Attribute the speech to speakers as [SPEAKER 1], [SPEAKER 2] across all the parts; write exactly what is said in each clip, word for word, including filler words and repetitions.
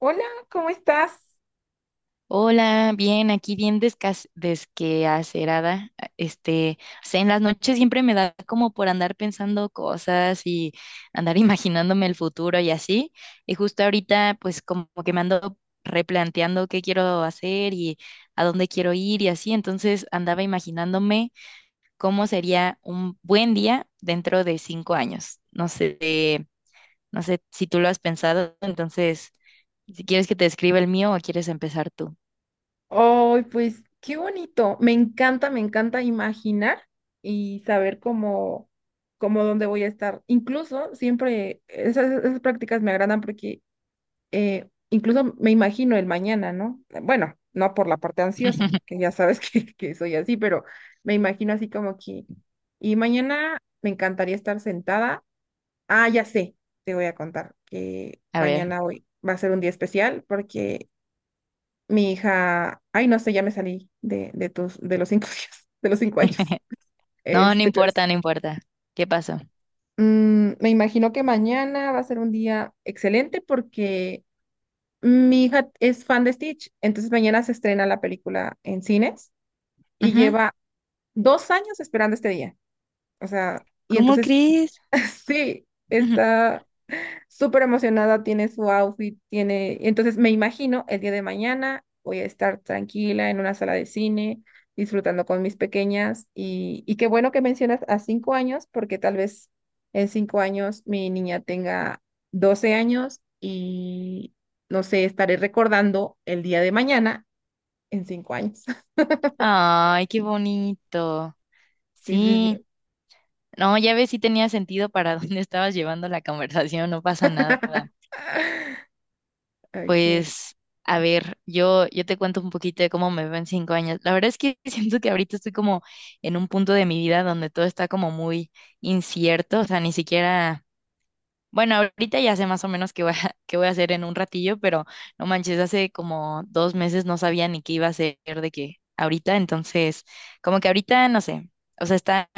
[SPEAKER 1] Hola, ¿cómo estás?
[SPEAKER 2] Hola, bien, aquí bien descas- desqueacerada. a- Este, o sea, en las noches siempre me da como por andar pensando cosas y andar imaginándome el futuro y así. Y justo ahorita, pues como que me ando replanteando qué quiero hacer y a dónde quiero ir y así. Entonces andaba imaginándome cómo sería un buen día dentro de cinco años. No sé, no sé si tú lo has pensado, entonces, si quieres que te escriba el mío o quieres empezar tú.
[SPEAKER 1] Ay, pues qué bonito. Me encanta, me encanta imaginar y saber cómo, cómo dónde voy a estar. Incluso siempre esas, esas prácticas me agradan porque eh, incluso me imagino el mañana, ¿no? Bueno, no por la parte ansiosa, que ya sabes que, que soy así, pero me imagino así como que. Y mañana me encantaría estar sentada. Ah, ya sé, te voy a contar que
[SPEAKER 2] A ver.
[SPEAKER 1] mañana hoy va a ser un día especial porque mi hija, ay, no sé, ya me salí de, de tus, de los cinco días, de los cinco años.
[SPEAKER 2] No, no
[SPEAKER 1] Este, pero es-
[SPEAKER 2] importa, no importa. ¿Qué pasó?
[SPEAKER 1] mm, me imagino que mañana va a ser un día excelente porque mi hija es fan de Stitch, entonces mañana se estrena la película en cines y
[SPEAKER 2] Ujú.
[SPEAKER 1] lleva dos años esperando este día. O sea, y
[SPEAKER 2] ¿Cómo
[SPEAKER 1] entonces sí,
[SPEAKER 2] crees?
[SPEAKER 1] sí,
[SPEAKER 2] Ujú.
[SPEAKER 1] está súper emocionada, tiene su outfit, tiene, entonces me imagino el día de mañana voy a estar tranquila en una sala de cine, disfrutando con mis pequeñas y, y qué bueno que mencionas a cinco años, porque tal vez en cinco años mi niña tenga doce años y no sé, estaré recordando el día de mañana en cinco años.
[SPEAKER 2] Ay, qué bonito.
[SPEAKER 1] Sí, sí,
[SPEAKER 2] Sí.
[SPEAKER 1] sí.
[SPEAKER 2] No, ya ves si tenía sentido para dónde estabas llevando la conversación, no pasa nada.
[SPEAKER 1] Ok.
[SPEAKER 2] Pues, a ver, yo, yo te cuento un poquito de cómo me veo en cinco años. La verdad es que siento que ahorita estoy como en un punto de mi vida donde todo está como muy incierto, o sea, ni siquiera. Bueno, ahorita ya sé más o menos qué voy a, qué voy a hacer en un ratillo, pero no manches, hace como dos meses no sabía ni qué iba a hacer de qué ahorita, entonces, como que ahorita no sé, o sea, está,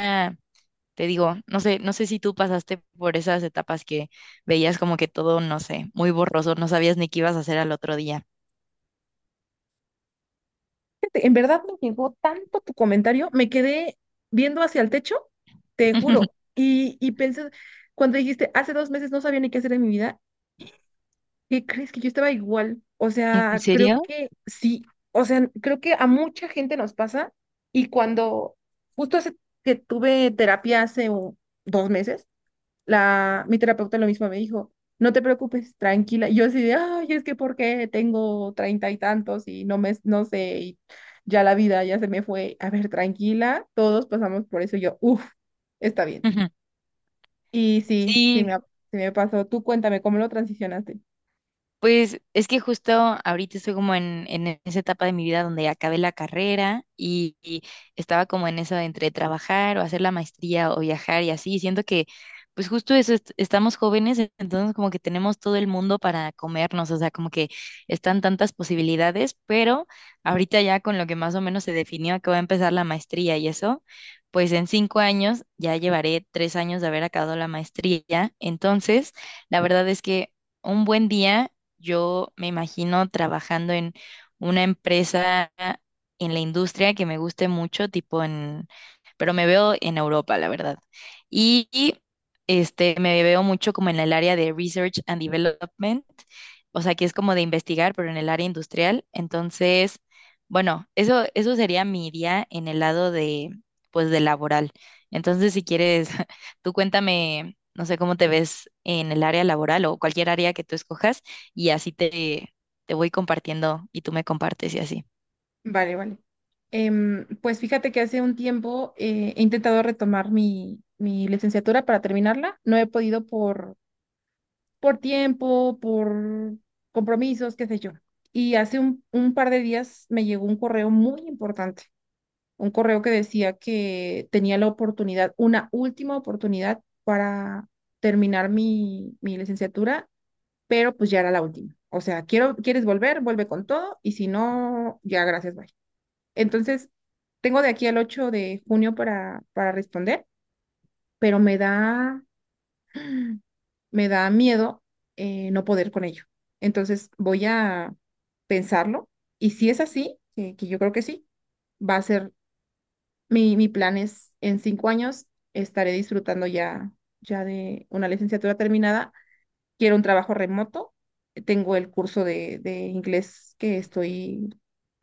[SPEAKER 2] te digo, no sé, no sé si tú pasaste por esas etapas que veías como que todo, no sé, muy borroso, no sabías ni qué ibas a hacer al otro día.
[SPEAKER 1] En verdad me llegó tanto tu comentario, me quedé viendo hacia el techo, te juro, y, y pensé, cuando dijiste, hace dos meses no sabía ni qué hacer en mi vida, ¿qué crees que yo estaba igual? O
[SPEAKER 2] ¿En
[SPEAKER 1] sea, creo
[SPEAKER 2] serio?
[SPEAKER 1] que sí, o sea, creo que a mucha gente nos pasa y cuando justo hace que tuve terapia hace un- dos meses, la, mi terapeuta lo mismo me dijo, no te preocupes, tranquila. Y yo así de, ay, es que por qué tengo treinta y tantos y no me, no sé, y ya la vida ya se me fue. A ver, tranquila, todos pasamos por eso. Y yo, uff, está bien. Y sí, sí me,
[SPEAKER 2] Sí.
[SPEAKER 1] ha- sí me pasó. Tú cuéntame, ¿cómo lo transicionaste?
[SPEAKER 2] Pues es que justo ahorita estoy como en, en e-, esa etapa de mi vida donde acabé la carrera y, y estaba como en eso de entre trabajar o hacer la maestría o viajar y así. Siento que, pues justo eso, est- estamos jóvenes, e- entonces como que tenemos todo el mundo para comernos, o sea, como que están tantas posibilidades, pero ahorita ya con lo que más o menos se definió que voy a empezar la maestría y eso, pues en cinco años ya llevaré tres años de haber acabado la maestría. Entonces, la verdad es que un buen día. Yo me imagino trabajando en una empresa en la industria que me guste mucho, tipo en, pero me veo en Europa, la verdad. Y y, este me veo mucho como en el área de research and development, o sea, que es como de investigar, pero en el área industrial. Entonces, bueno, eso eso sería mi día en el lado de, pues, de laboral. Entonces, si quieres, tú cuéntame, no sé cómo te ves en el área laboral o cualquier área que tú escojas y así te, te voy compartiendo y tú me compartes y así.
[SPEAKER 1] Vale, vale. Em, pues fíjate que hace un tiempo eh, he intentado retomar mi, mi licenciatura para terminarla. No he podido por por tiempo, por compromisos, qué sé yo. Y hace un, un par de días me llegó un correo muy importante, un correo que decía que tenía la oportunidad, una última oportunidad para terminar mi, mi licenciatura, pero pues ya era la última. O sea, quiero, quieres volver, vuelve con todo y si no, ya gracias, bye. Entonces, tengo de aquí al ocho de junio para, para responder, pero me da me da miedo eh, no poder con ello. Entonces voy a pensarlo y si es así, que, que yo creo que sí, va a ser mi, mi plan es en cinco años estaré disfrutando ya, ya de una licenciatura terminada. Quiero un trabajo remoto. Tengo el curso de, de inglés que estoy,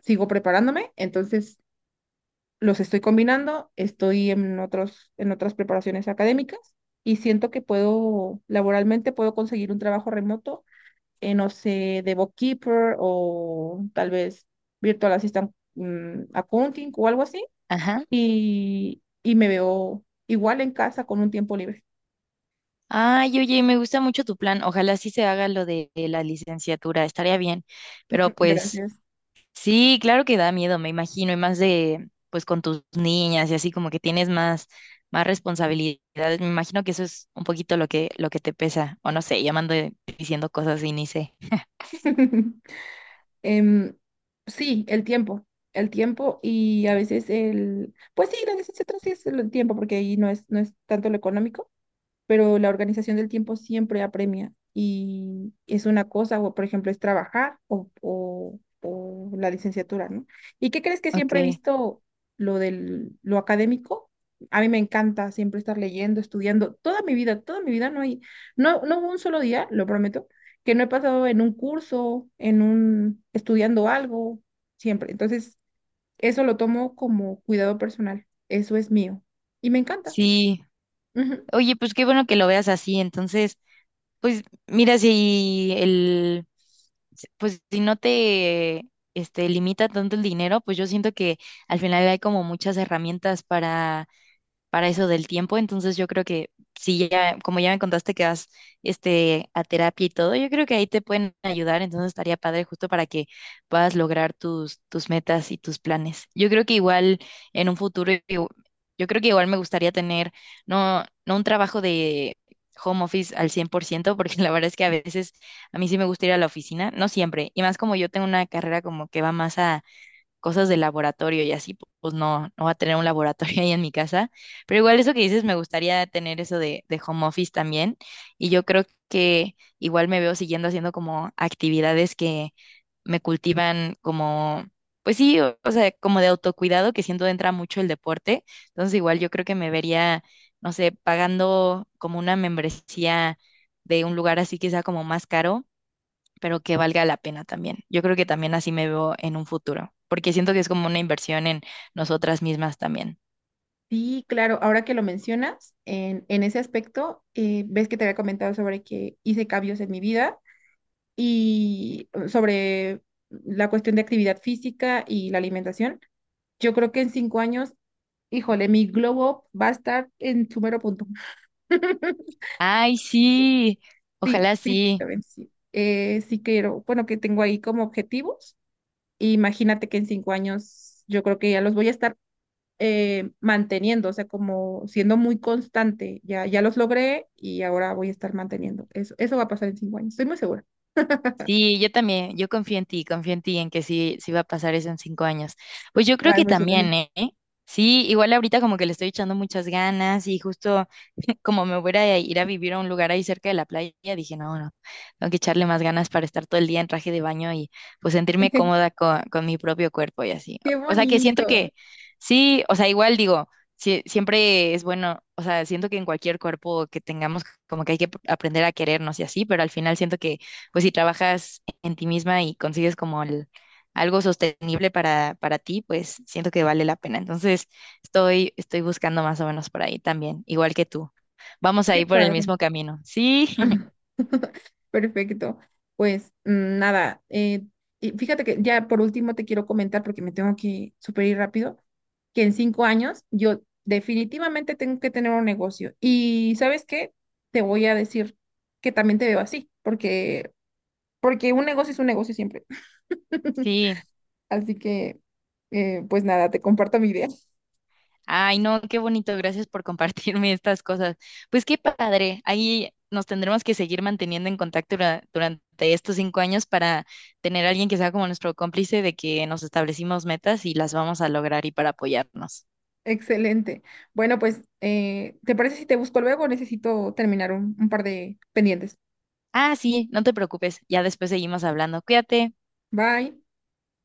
[SPEAKER 1] sigo preparándome. Entonces, los estoy combinando, estoy en otros, en otras preparaciones académicas y siento que puedo, laboralmente puedo conseguir un trabajo remoto, eh, no sé, de bookkeeper o tal vez virtual assistant mm, accounting o algo así.
[SPEAKER 2] Ajá.
[SPEAKER 1] Y, y me veo igual en casa con un tiempo libre.
[SPEAKER 2] Ay, oye, me gusta mucho tu plan. Ojalá sí se haga lo de la licenciatura, estaría bien. Pero pues
[SPEAKER 1] Gracias.
[SPEAKER 2] sí, claro que da miedo, me imagino, y más de, pues con tus niñas y así como que tienes más, más responsabilidades. Me imagino que eso es un poquito lo que, lo que te pesa, o no sé, llamando diciendo cosas y ni sé.
[SPEAKER 1] Em, sí, el tiempo. El tiempo y a veces el, pues sí, la necesidad sí es el tiempo, porque ahí no es, no es tanto lo económico pero la organización del tiempo siempre apremia y es una cosa, o por ejemplo, es trabajar o, o- o la licenciatura, ¿no? ¿Y qué crees que
[SPEAKER 2] Ok,
[SPEAKER 1] siempre he visto lo del, lo académico? A mí me encanta siempre estar leyendo, estudiando, toda mi vida, toda mi vida no hay, no, no hubo un solo día, lo prometo, que no he pasado en un curso, en un, estudiando algo, siempre. Entonces, eso lo tomo como cuidado personal, eso es mío y me encanta.
[SPEAKER 2] sí.
[SPEAKER 1] Ujú.
[SPEAKER 2] Oye, pues qué bueno que lo veas así. Entonces, pues mira, si el, pues si no te este, limita tanto el dinero, pues yo siento que al final hay como muchas herramientas para para eso del tiempo. Entonces yo creo que si ya, como ya me contaste que vas, este, a terapia y todo, yo creo que ahí te pueden ayudar. Entonces estaría padre justo para que puedas lograr tus, tus metas y tus planes. Yo creo que igual en un futuro, yo, yo creo que igual me gustaría tener, no, no un trabajo de home office al cien por ciento, porque la verdad es que a veces a mí sí me gusta ir a la oficina, no siempre, y más como yo tengo una carrera como que va más cosas de laboratorio y así, pues no, no voy a tener un laboratorio ahí en mi casa. Pero igual eso que dices, me gustaría tener eso de, de home office también. Y yo creo que igual me veo siguiendo haciendo como actividades que me cultivan como, pues sí, o, o sea, como de autocuidado, que siento entra mucho el deporte. Entonces igual yo creo que me vería, no sé, pagando como una membresía de un lugar así que sea como más caro pero que valga la pena también. Yo creo que también así me veo en un futuro, porque siento que es como una inversión en nosotras mismas también.
[SPEAKER 1] Sí, claro, ahora que lo mencionas, en, en ese aspecto, eh, ves que te había comentado sobre que hice cambios en mi vida y eh, sobre la cuestión de actividad física y la alimentación. Yo creo que en cinco años, híjole, mi glow up va a estar en su mero punto.
[SPEAKER 2] Ay, sí,
[SPEAKER 1] Sí,
[SPEAKER 2] ojalá sí.
[SPEAKER 1] físicamente sí. Eh, sí quiero, bueno, que tengo ahí como objetivos. Imagínate que en cinco años yo creo que ya los voy a estar eh, manteniendo, o sea, como siendo muy constante. Ya, ya los logré y ahora voy a estar manteniendo. Eso, eso va a pasar en cinco años, estoy muy segura.
[SPEAKER 2] Sí, yo también, yo confío en ti, confío en ti, en que sí, sí va a pasar eso en cinco años. Pues yo creo
[SPEAKER 1] Ay,
[SPEAKER 2] que
[SPEAKER 1] muchas gracias.
[SPEAKER 2] también, ¿eh? Sí, igual ahorita como que le estoy echando muchas ganas y justo, como me voy a ir a vivir a un lugar ahí cerca de la playa, dije, no, no, tengo que echarle más ganas para estar todo el día en traje de baño y pues sentirme cómoda con, con mi propio cuerpo y así.
[SPEAKER 1] Qué
[SPEAKER 2] O sea, que siento
[SPEAKER 1] bonito,
[SPEAKER 2] que sí, o sea, igual digo, sí, siempre es bueno, o sea, siento que en cualquier cuerpo que tengamos, como que hay que aprender a querernos y así, pero al final siento que pues si trabajas en ti misma y consigues como el algo sostenible para, para ti, pues siento que vale la pena. Entonces, estoy, estoy buscando más o menos por ahí también, igual que tú. Vamos a
[SPEAKER 1] qué
[SPEAKER 2] ir por el
[SPEAKER 1] padre.
[SPEAKER 2] mismo camino. Sí,
[SPEAKER 1] Perfecto. Pues mm, nada, eh, y fíjate que ya por último te quiero comentar, porque me tengo que super ir rápido, que en cinco años yo definitivamente tengo que tener un negocio. Y ¿sabes qué? Te voy a decir que también te veo así, porque porque un negocio es un negocio siempre.
[SPEAKER 2] sí.
[SPEAKER 1] Así que, eh, pues nada, te comparto mi idea.
[SPEAKER 2] Ay, no, qué bonito. Gracias por compartirme estas cosas. Pues qué padre. Ahí nos tendremos que seguir manteniendo en contacto dura- durante estos cinco años para tener a alguien que sea como nuestro cómplice de que nos establecimos metas y las vamos a lograr y para apoyarnos.
[SPEAKER 1] Excelente. Bueno, pues, eh, ¿te parece si te busco luego? Necesito terminar un un par de pendientes.
[SPEAKER 2] Ah, sí, no te preocupes. Ya después seguimos hablando. Cuídate.
[SPEAKER 1] Bye.